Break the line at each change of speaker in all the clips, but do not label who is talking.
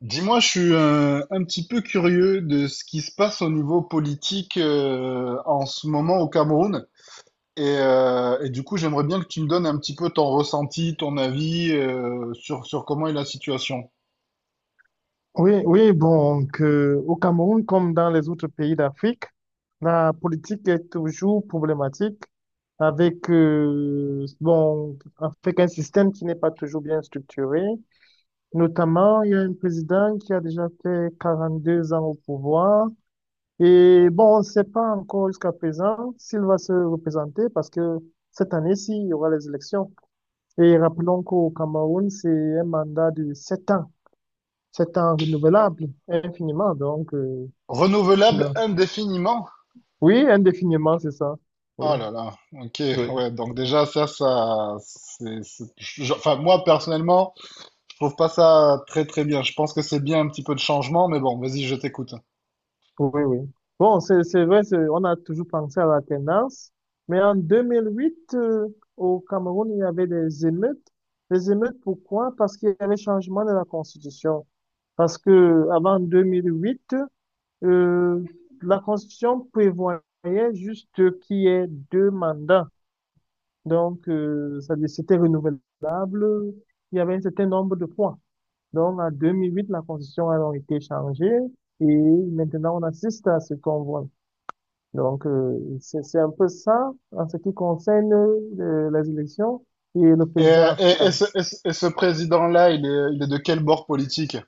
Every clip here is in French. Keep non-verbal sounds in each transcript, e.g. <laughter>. Dis-moi, je suis un petit peu curieux de ce qui se passe au niveau politique en ce moment au Cameroun. Et du coup, j'aimerais bien que tu me donnes un petit peu ton ressenti, ton avis sur, sur comment est la situation.
Oui, oui, donc, au Cameroun, comme dans les autres pays d'Afrique, la politique est toujours problématique avec bon, avec un système qui n'est pas toujours bien structuré. Notamment, il y a un président qui a déjà fait 42 ans au pouvoir. Et bon, on ne sait pas encore jusqu'à présent s'il va se représenter parce que cette année-ci, il y aura les élections. Et rappelons qu'au Cameroun, c'est un mandat de 7 ans. C'est un renouvelable, infiniment, donc, <laughs>
Renouvelable
donc,
indéfiniment?
oui, indéfiniment, c'est ça. Oui,
Oh là là, ok,
oui,
ouais, donc déjà ça, ça, enfin moi personnellement, je trouve pas ça très très bien. Je pense que c'est bien un petit peu de changement, mais bon, vas-y, je t'écoute.
oui, oui. Bon, c'est vrai, on a toujours pensé à la tendance, mais en 2008, au Cameroun, il y avait des émeutes. Les émeutes, pourquoi? Parce qu'il y avait changement de la Constitution. Parce que avant 2008, euh, la Constitution prévoyait juste qu'il y ait 2 mandats. Donc, c'était renouvelable. Il y avait un certain nombre de points. Donc, en 2008, la constitution a donc été changée et maintenant, on assiste à ce qu'on voit. Donc, c'est un peu ça en ce qui concerne les élections et le
Et,
président
et- et
actuel.
ce, et ce- et ce président-là, il est de quel bord politique?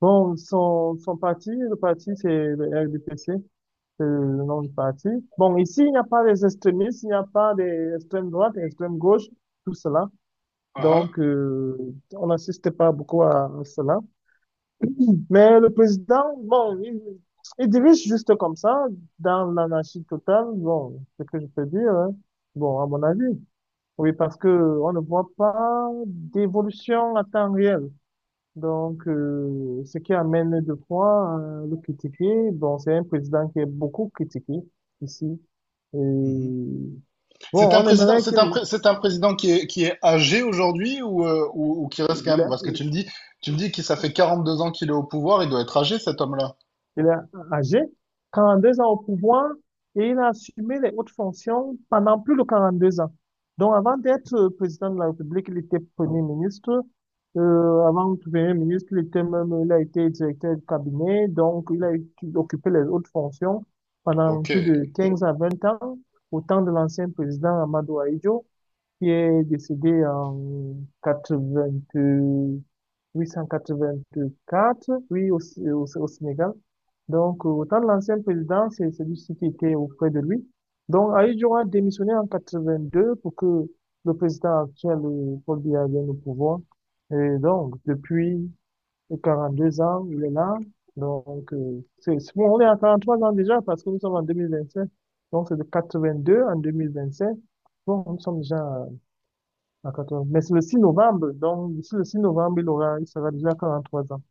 Bon, son parti, le parti, c'est le RDPC, c'est le nom du parti. Bon, ici, il n'y a pas des extrémistes, il n'y a pas des extrêmes droites, des extrêmes gauches, tout cela.
Uhum.
Donc, on n'assiste pas beaucoup à cela. Mais le président, bon, il dirige juste comme ça, dans l'anarchie totale. Bon, c'est ce que je peux dire, hein. Bon, à mon avis. Oui, parce que on ne voit pas d'évolution à temps réel. Donc, ce qui amène de fois à le critiquer. Bon, c'est un président qui est beaucoup critiqué ici. Et
Mhm.
bon, on aimerait qu'il
C'est un président qui est âgé aujourd'hui ou, ou qui reste quand même, parce que
il,
tu me dis que ça fait 42 ans qu'il est au pouvoir, il doit être âgé cet homme-là.
Il est âgé, 42 ans au pouvoir, et il a assumé les hautes fonctions pendant plus de 42 ans. Donc, avant d'être président de la République, il était premier ministre. Avant de devenir ministre, il était même, il a été directeur du cabinet. Donc, occupé les hautes fonctions pendant
Ok.
plus de 15 à 20 ans, au temps de l'ancien président Amadou Ahidjo qui est décédé en 80, 884, oui, au Sénégal. Donc, de l'ancien président, c'est celui-ci qui était auprès de lui. Donc, Aïe Joa a démissionné en 82 pour que le président actuel, Paul Biya, vienne au pouvoir. Et donc, depuis 42 ans, il est là. Donc, bon, on est à 43 ans déjà parce que nous sommes en 2025. Donc, c'est de 82 en 2025. Bon, nous sommes déjà à 14. Mais c'est le 6 novembre, donc d'ici le 6 novembre, il sera déjà à 43 ans.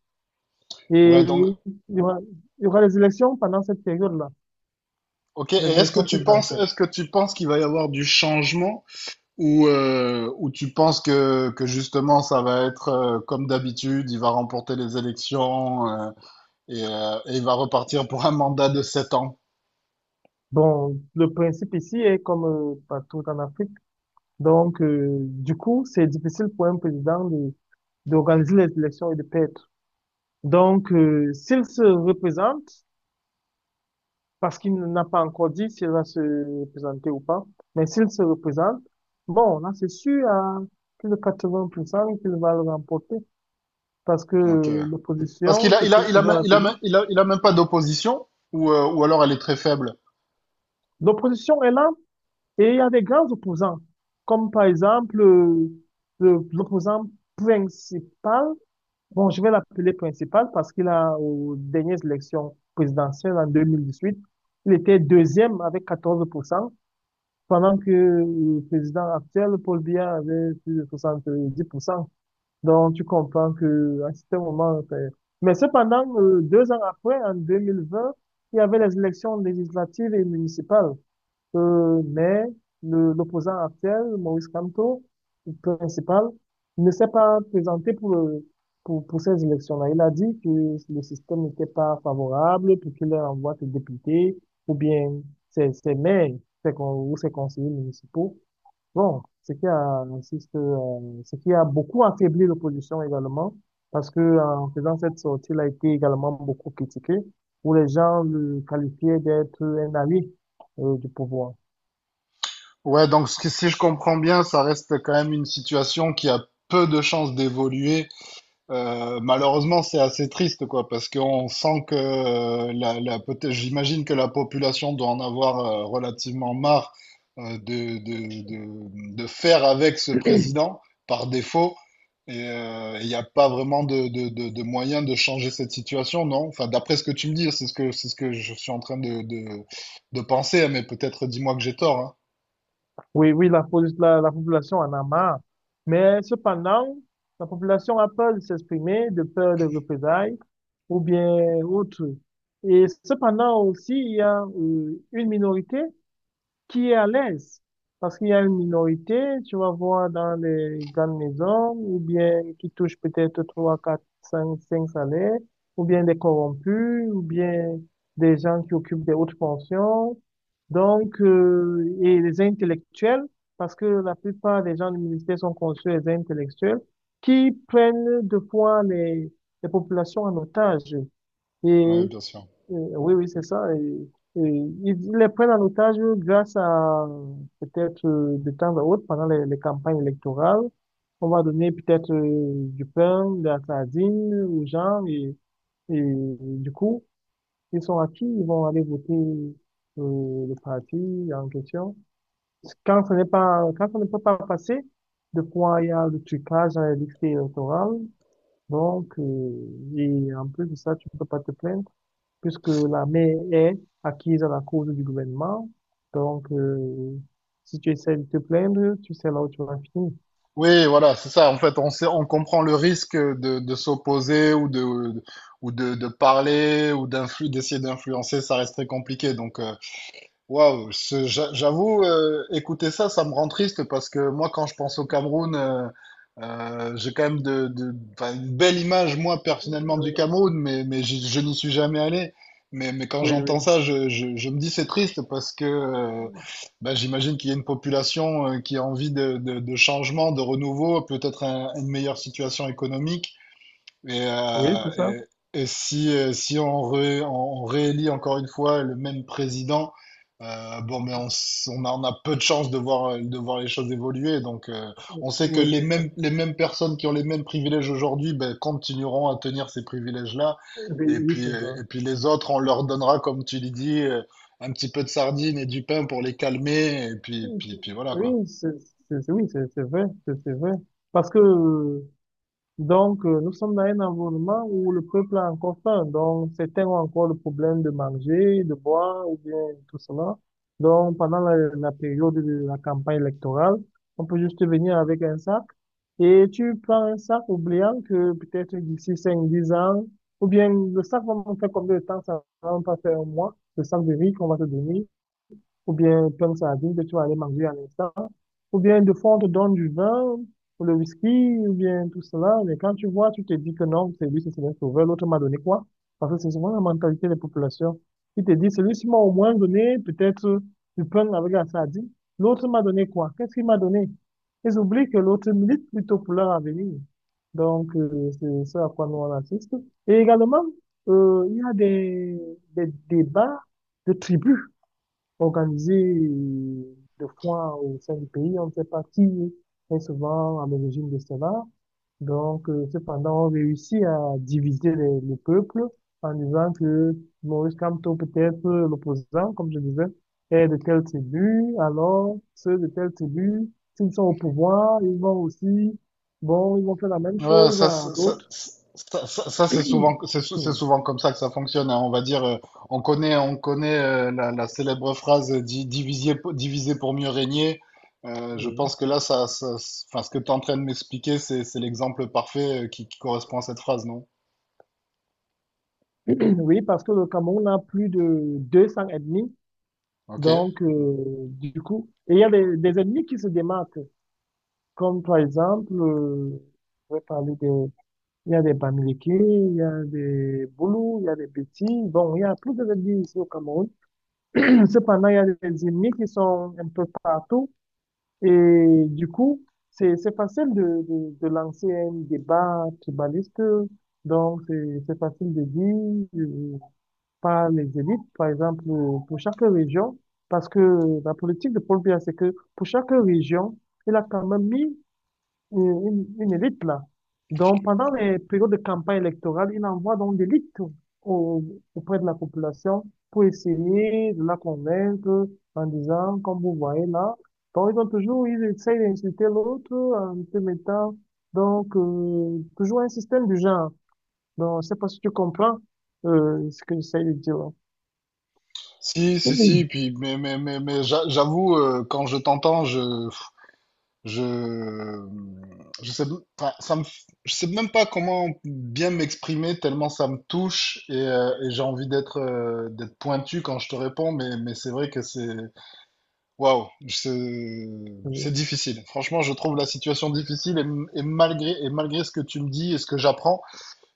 Et
Ouais, donc,
y aura, il y aura les élections pendant cette période-là,
ok. Et
les
est-ce que
élections
tu penses,
présidentielles.
est-ce que tu penses qu'il va y avoir du changement ou tu penses que justement ça va être comme d'habitude, il va remporter les élections et il va repartir pour un mandat de 7 ans?
Bon, le principe ici est comme partout en Afrique. Donc, du coup, c'est difficile pour un président d'organiser les élections et de perdre. Donc, s'il se représente, parce qu'il n'a pas encore dit s'il va se représenter ou pas. Mais s'il se représente, bon, là, c'est sûr, à plus de 80% qu'il va le remporter parce que
Ok. Parce qu'il
l'opposition
a,
se
il a,
trouve
il a,
toujours à
même-
la
il a,
télé.
même- il a même pas d'opposition, ou alors elle est très faible.
L'opposition est là et il y a des grands opposants, comme par exemple, l'opposant principal. Bon, je vais l'appeler principal parce qu'il a, aux dernières élections présidentielles en 2018, il était deuxième avec 14%. Pendant que le président actuel, Paul Biya, avait plus de 70%. Donc, tu comprends que à ce moment, mais cependant, 2 ans après, en 2020, il y avait les élections législatives et municipales. Mais l'opposant actuel, Maurice Kamto, le principal, ne s'est pas présenté pour ces élections-là. Il a dit que le système n'était pas favorable pour qu'il envoie ses députés ou bien ses maires, ou ses conseillers municipaux. Bon, ce qui a beaucoup affaibli l'opposition également, parce que en faisant cette sortie, il a été également beaucoup critiqué, où les gens le qualifiaient d'être un allié du pouvoir.
Si je comprends bien, ça reste quand même une situation qui a peu de chances d'évoluer. Malheureusement, c'est assez triste, quoi, parce qu'on sent que j'imagine que la population doit en avoir relativement marre de faire avec ce président par défaut. Et il n'y a pas vraiment de moyen de changer cette situation, non? Enfin, d'après ce que tu me dis, c'est ce que je suis en train de penser, hein, mais peut-être dis-moi que j'ai tort, hein.
Oui, oui, la population en a marre. Mais cependant, la population a peur de s'exprimer, de peur de représailles ou bien autre. Et cependant aussi, il y a une minorité qui est à l'aise. Parce qu'il y a une minorité, tu vas voir dans les grandes maisons, ou bien qui touche peut-être 3 4 cinq salaires, ou bien des corrompus, ou bien des gens qui occupent des hautes fonctions. Donc, et les intellectuels, parce que la plupart des gens du ministère sont conçus des intellectuels, qui prennent de fois les populations en otage. Et
Ouais, bien sûr.
oui, oui, c'est ça. Et ils les prennent en otage grâce à peut-être, de temps à autre, pendant les campagnes électorales. On va donner peut-être, du pain, de la sardine aux gens. Et du coup, ils sont acquis, ils vont aller voter, le parti en question. Quand ce n'est pas, quand ça ne peut pas passer, de quoi il y a le trucage dans les listes électorales. Donc, et en plus de ça, tu ne peux pas te plaindre puisque la mer est acquise à la cause du gouvernement. Donc, si tu essaies de te plaindre, tu sais là où tu vas finir.
Oui, voilà, c'est ça. En fait, on sait, on comprend le risque de s'opposer ou de parler ou d'essayer d'influencer. Ça reste très compliqué. Waouh, j'avoue, écouter ça, ça me rend triste parce que moi, quand je pense au Cameroun, j'ai quand même enfin, une belle image, moi, personnellement, du
Donc,
Cameroun, mais, je n'y suis jamais allé. Mais quand
Oui,
j'entends
oui.
ça, je me dis c'est triste parce que bah, j'imagine qu'il y a une population qui a envie de, de changement, de renouveau, une meilleure situation économique. Et,
Oui,
euh,
c'est ça.
et si, on réélit encore une fois le même président, bon, on a peu de chances de voir les choses évoluer. Donc, on sait que
Oui, c'est ça.
les mêmes personnes qui ont les mêmes privilèges aujourd'hui, ben, continueront à tenir ces privilèges-là.
Oui, oui, c'est ça.
Et puis les autres, on leur donnera, comme tu l'as dit, un petit peu de sardines et du pain pour les calmer. Et puis, puis voilà, quoi.
Oui, oui, c'est vrai, c'est vrai. Parce que, Donc, nous sommes dans un environnement où le peuple a encore faim. Donc, certains ont encore le problème de manger, de boire, ou bien tout cela. Donc, pendant la période de la campagne électorale, on peut juste venir avec un sac. Et tu prends un sac, oubliant que peut-être d'ici cinq dix ans, ou bien le sac va me faire combien de temps, ça va même pas faire un mois, le sac de riz qu'on va te donner, ou bien plein de sardines que tu vas aller manger à l'instant. Ou bien de fond, on te donne du vin, ou le whisky, ou bien tout cela. Mais quand tu vois, tu te dis que non, c'est lui, c'est Seigneur Sauveur, l'autre m'a donné quoi? Parce que c'est souvent la mentalité des populations. Il te dit, celui-ci m'a au moins donné peut-être du pain avec la sardine. L'autre m'a donné quoi? Qu'est-ce qu'il m'a donné? Ils oublient que l'autre milite plutôt pour leur avenir. Donc, c'est ça à quoi nous on assiste. Et également, il y a des débats de tribus organiser de des foires au sein du pays. On ne sait pas qui est souvent à l'origine de cela. Donc, cependant, on réussit à diviser le peuple en disant que Maurice Kamto, peut-être, l'opposant, comme je disais, est de telle tribu, alors ceux de telle tribu, s'ils sont au pouvoir, ils vont aussi, bon, ils vont faire la même
Ouais,
chose à d'autres.
ça, c'est souvent,
<coughs>
c'est
<clears throat>
souvent comme ça que ça fonctionne, hein. On va dire, on connaît la célèbre phrase diviser, diviser pour mieux régner. Je
Oui,
pense que là, enfin, ce que tu es en train de m'expliquer, c'est l'exemple parfait qui correspond à cette phrase, non?
<clears throat> oui, parce que le Cameroun a plus de 200 ethnies.
Ok.
Donc, du coup, et il y a des ennemis qui se démarquent, comme par exemple, je vais parler des, il y a des Bamileke, il y a des Boulous, il y a des Bétis, bon, il y a plus d'ennemis ici au Cameroun. <clears throat> Cependant, il y a des ennemis qui sont un peu partout, et du coup, c'est facile de lancer un débat tribaliste, donc c'est facile de dire, par les élites, par exemple, pour chaque région, parce que la politique de Paul Biya, c'est que pour chaque région, il a quand même mis, une élite là. Donc, pendant les périodes de campagne électorale, il envoie donc des élites au- auprès de la population pour essayer de la convaincre en disant, comme vous voyez là, donc ils essayent d'insulter l'autre en te mettant, donc, toujours un système du genre. Donc, je sais pas si tu comprends ce que j'essaie de dire.
Si, si, si.
Oui,
Puis, mais j'avoue, quand je t'entends, Je, je sais, enfin, je sais même pas comment bien m'exprimer tellement ça me touche et j'ai envie d'être d'être pointu quand je te réponds, mais c'est vrai que c'est waouh, c'est difficile. Franchement, je trouve la situation difficile et, et malgré ce que tu me dis et ce que j'apprends,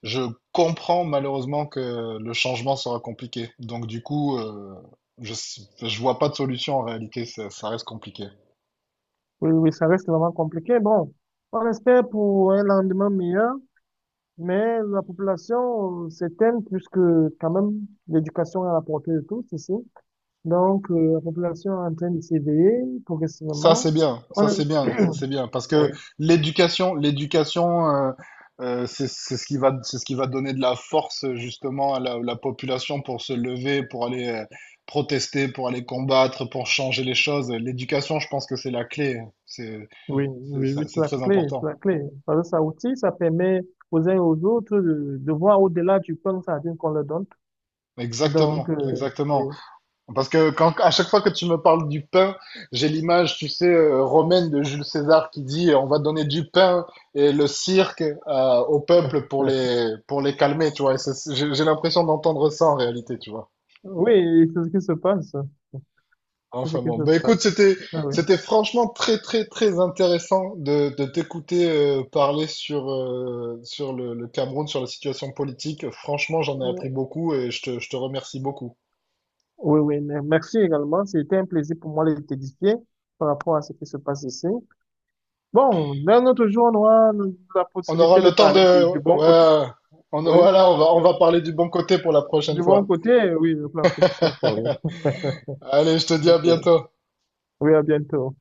je comprends malheureusement que le changement sera compliqué. Donc du coup, je je vois pas de solution en réalité, ça reste compliqué.
oui, oui, ça reste vraiment compliqué. Bon, on espère pour un lendemain meilleur, mais la population, s'éteint puisque quand même l'éducation est à la portée de tous ici. Donc, la population est en train de s'éveiller
Ça,
progressivement.
c'est bien,
On
ça, c'est
est-
bien, ça, c'est bien. Parce que
Oui,
l'éducation, l'éducation, c'est ce qui va, c'est ce qui va donner de la force, justement, à la, la population pour se lever, pour aller protester, pour aller combattre, pour changer les choses. L'éducation, je pense que c'est la clé. C'est,
oui, oui, oui, c'est
c'est
la
très
clé, c'est
important.
la clé. Parce que ça aussi, ça permet aux uns et aux autres de voir au-delà du pain sardine qu'on leur donne. Donc,
Exactement,
oui,
exactement. Parce que quand, à chaque fois que tu me parles du pain, j'ai l'image, tu sais, romaine de Jules César qui dit on va donner du pain et le cirque au peuple pour les calmer, tu vois. J'ai l'impression d'entendre ça en réalité, tu vois.
oui, c'est ce qui se passe. C'est ce
Enfin
qui
bon,
se
bah écoute,
passe. Ah
c'était franchement très, très, très intéressant de t'écouter parler sur, sur le Cameroun, sur la situation politique. Franchement, j'en ai
oui.
appris beaucoup et je te remercie beaucoup.
Oui, oui, mais merci également. C'était un plaisir pour moi de t'édifier par rapport à ce qui se passe ici. Bon, d'un autre jour, on aura la
On aura
possibilité de
le temps
parler du,
de…
du bon côté.
Ouais,
Oui,
voilà, on va parler du bon côté pour la prochaine
du bon
fois.
côté, oui, la prochaine fois. Oui,
<laughs> Allez, je te dis à
ok.
bientôt.
Oui, à bientôt.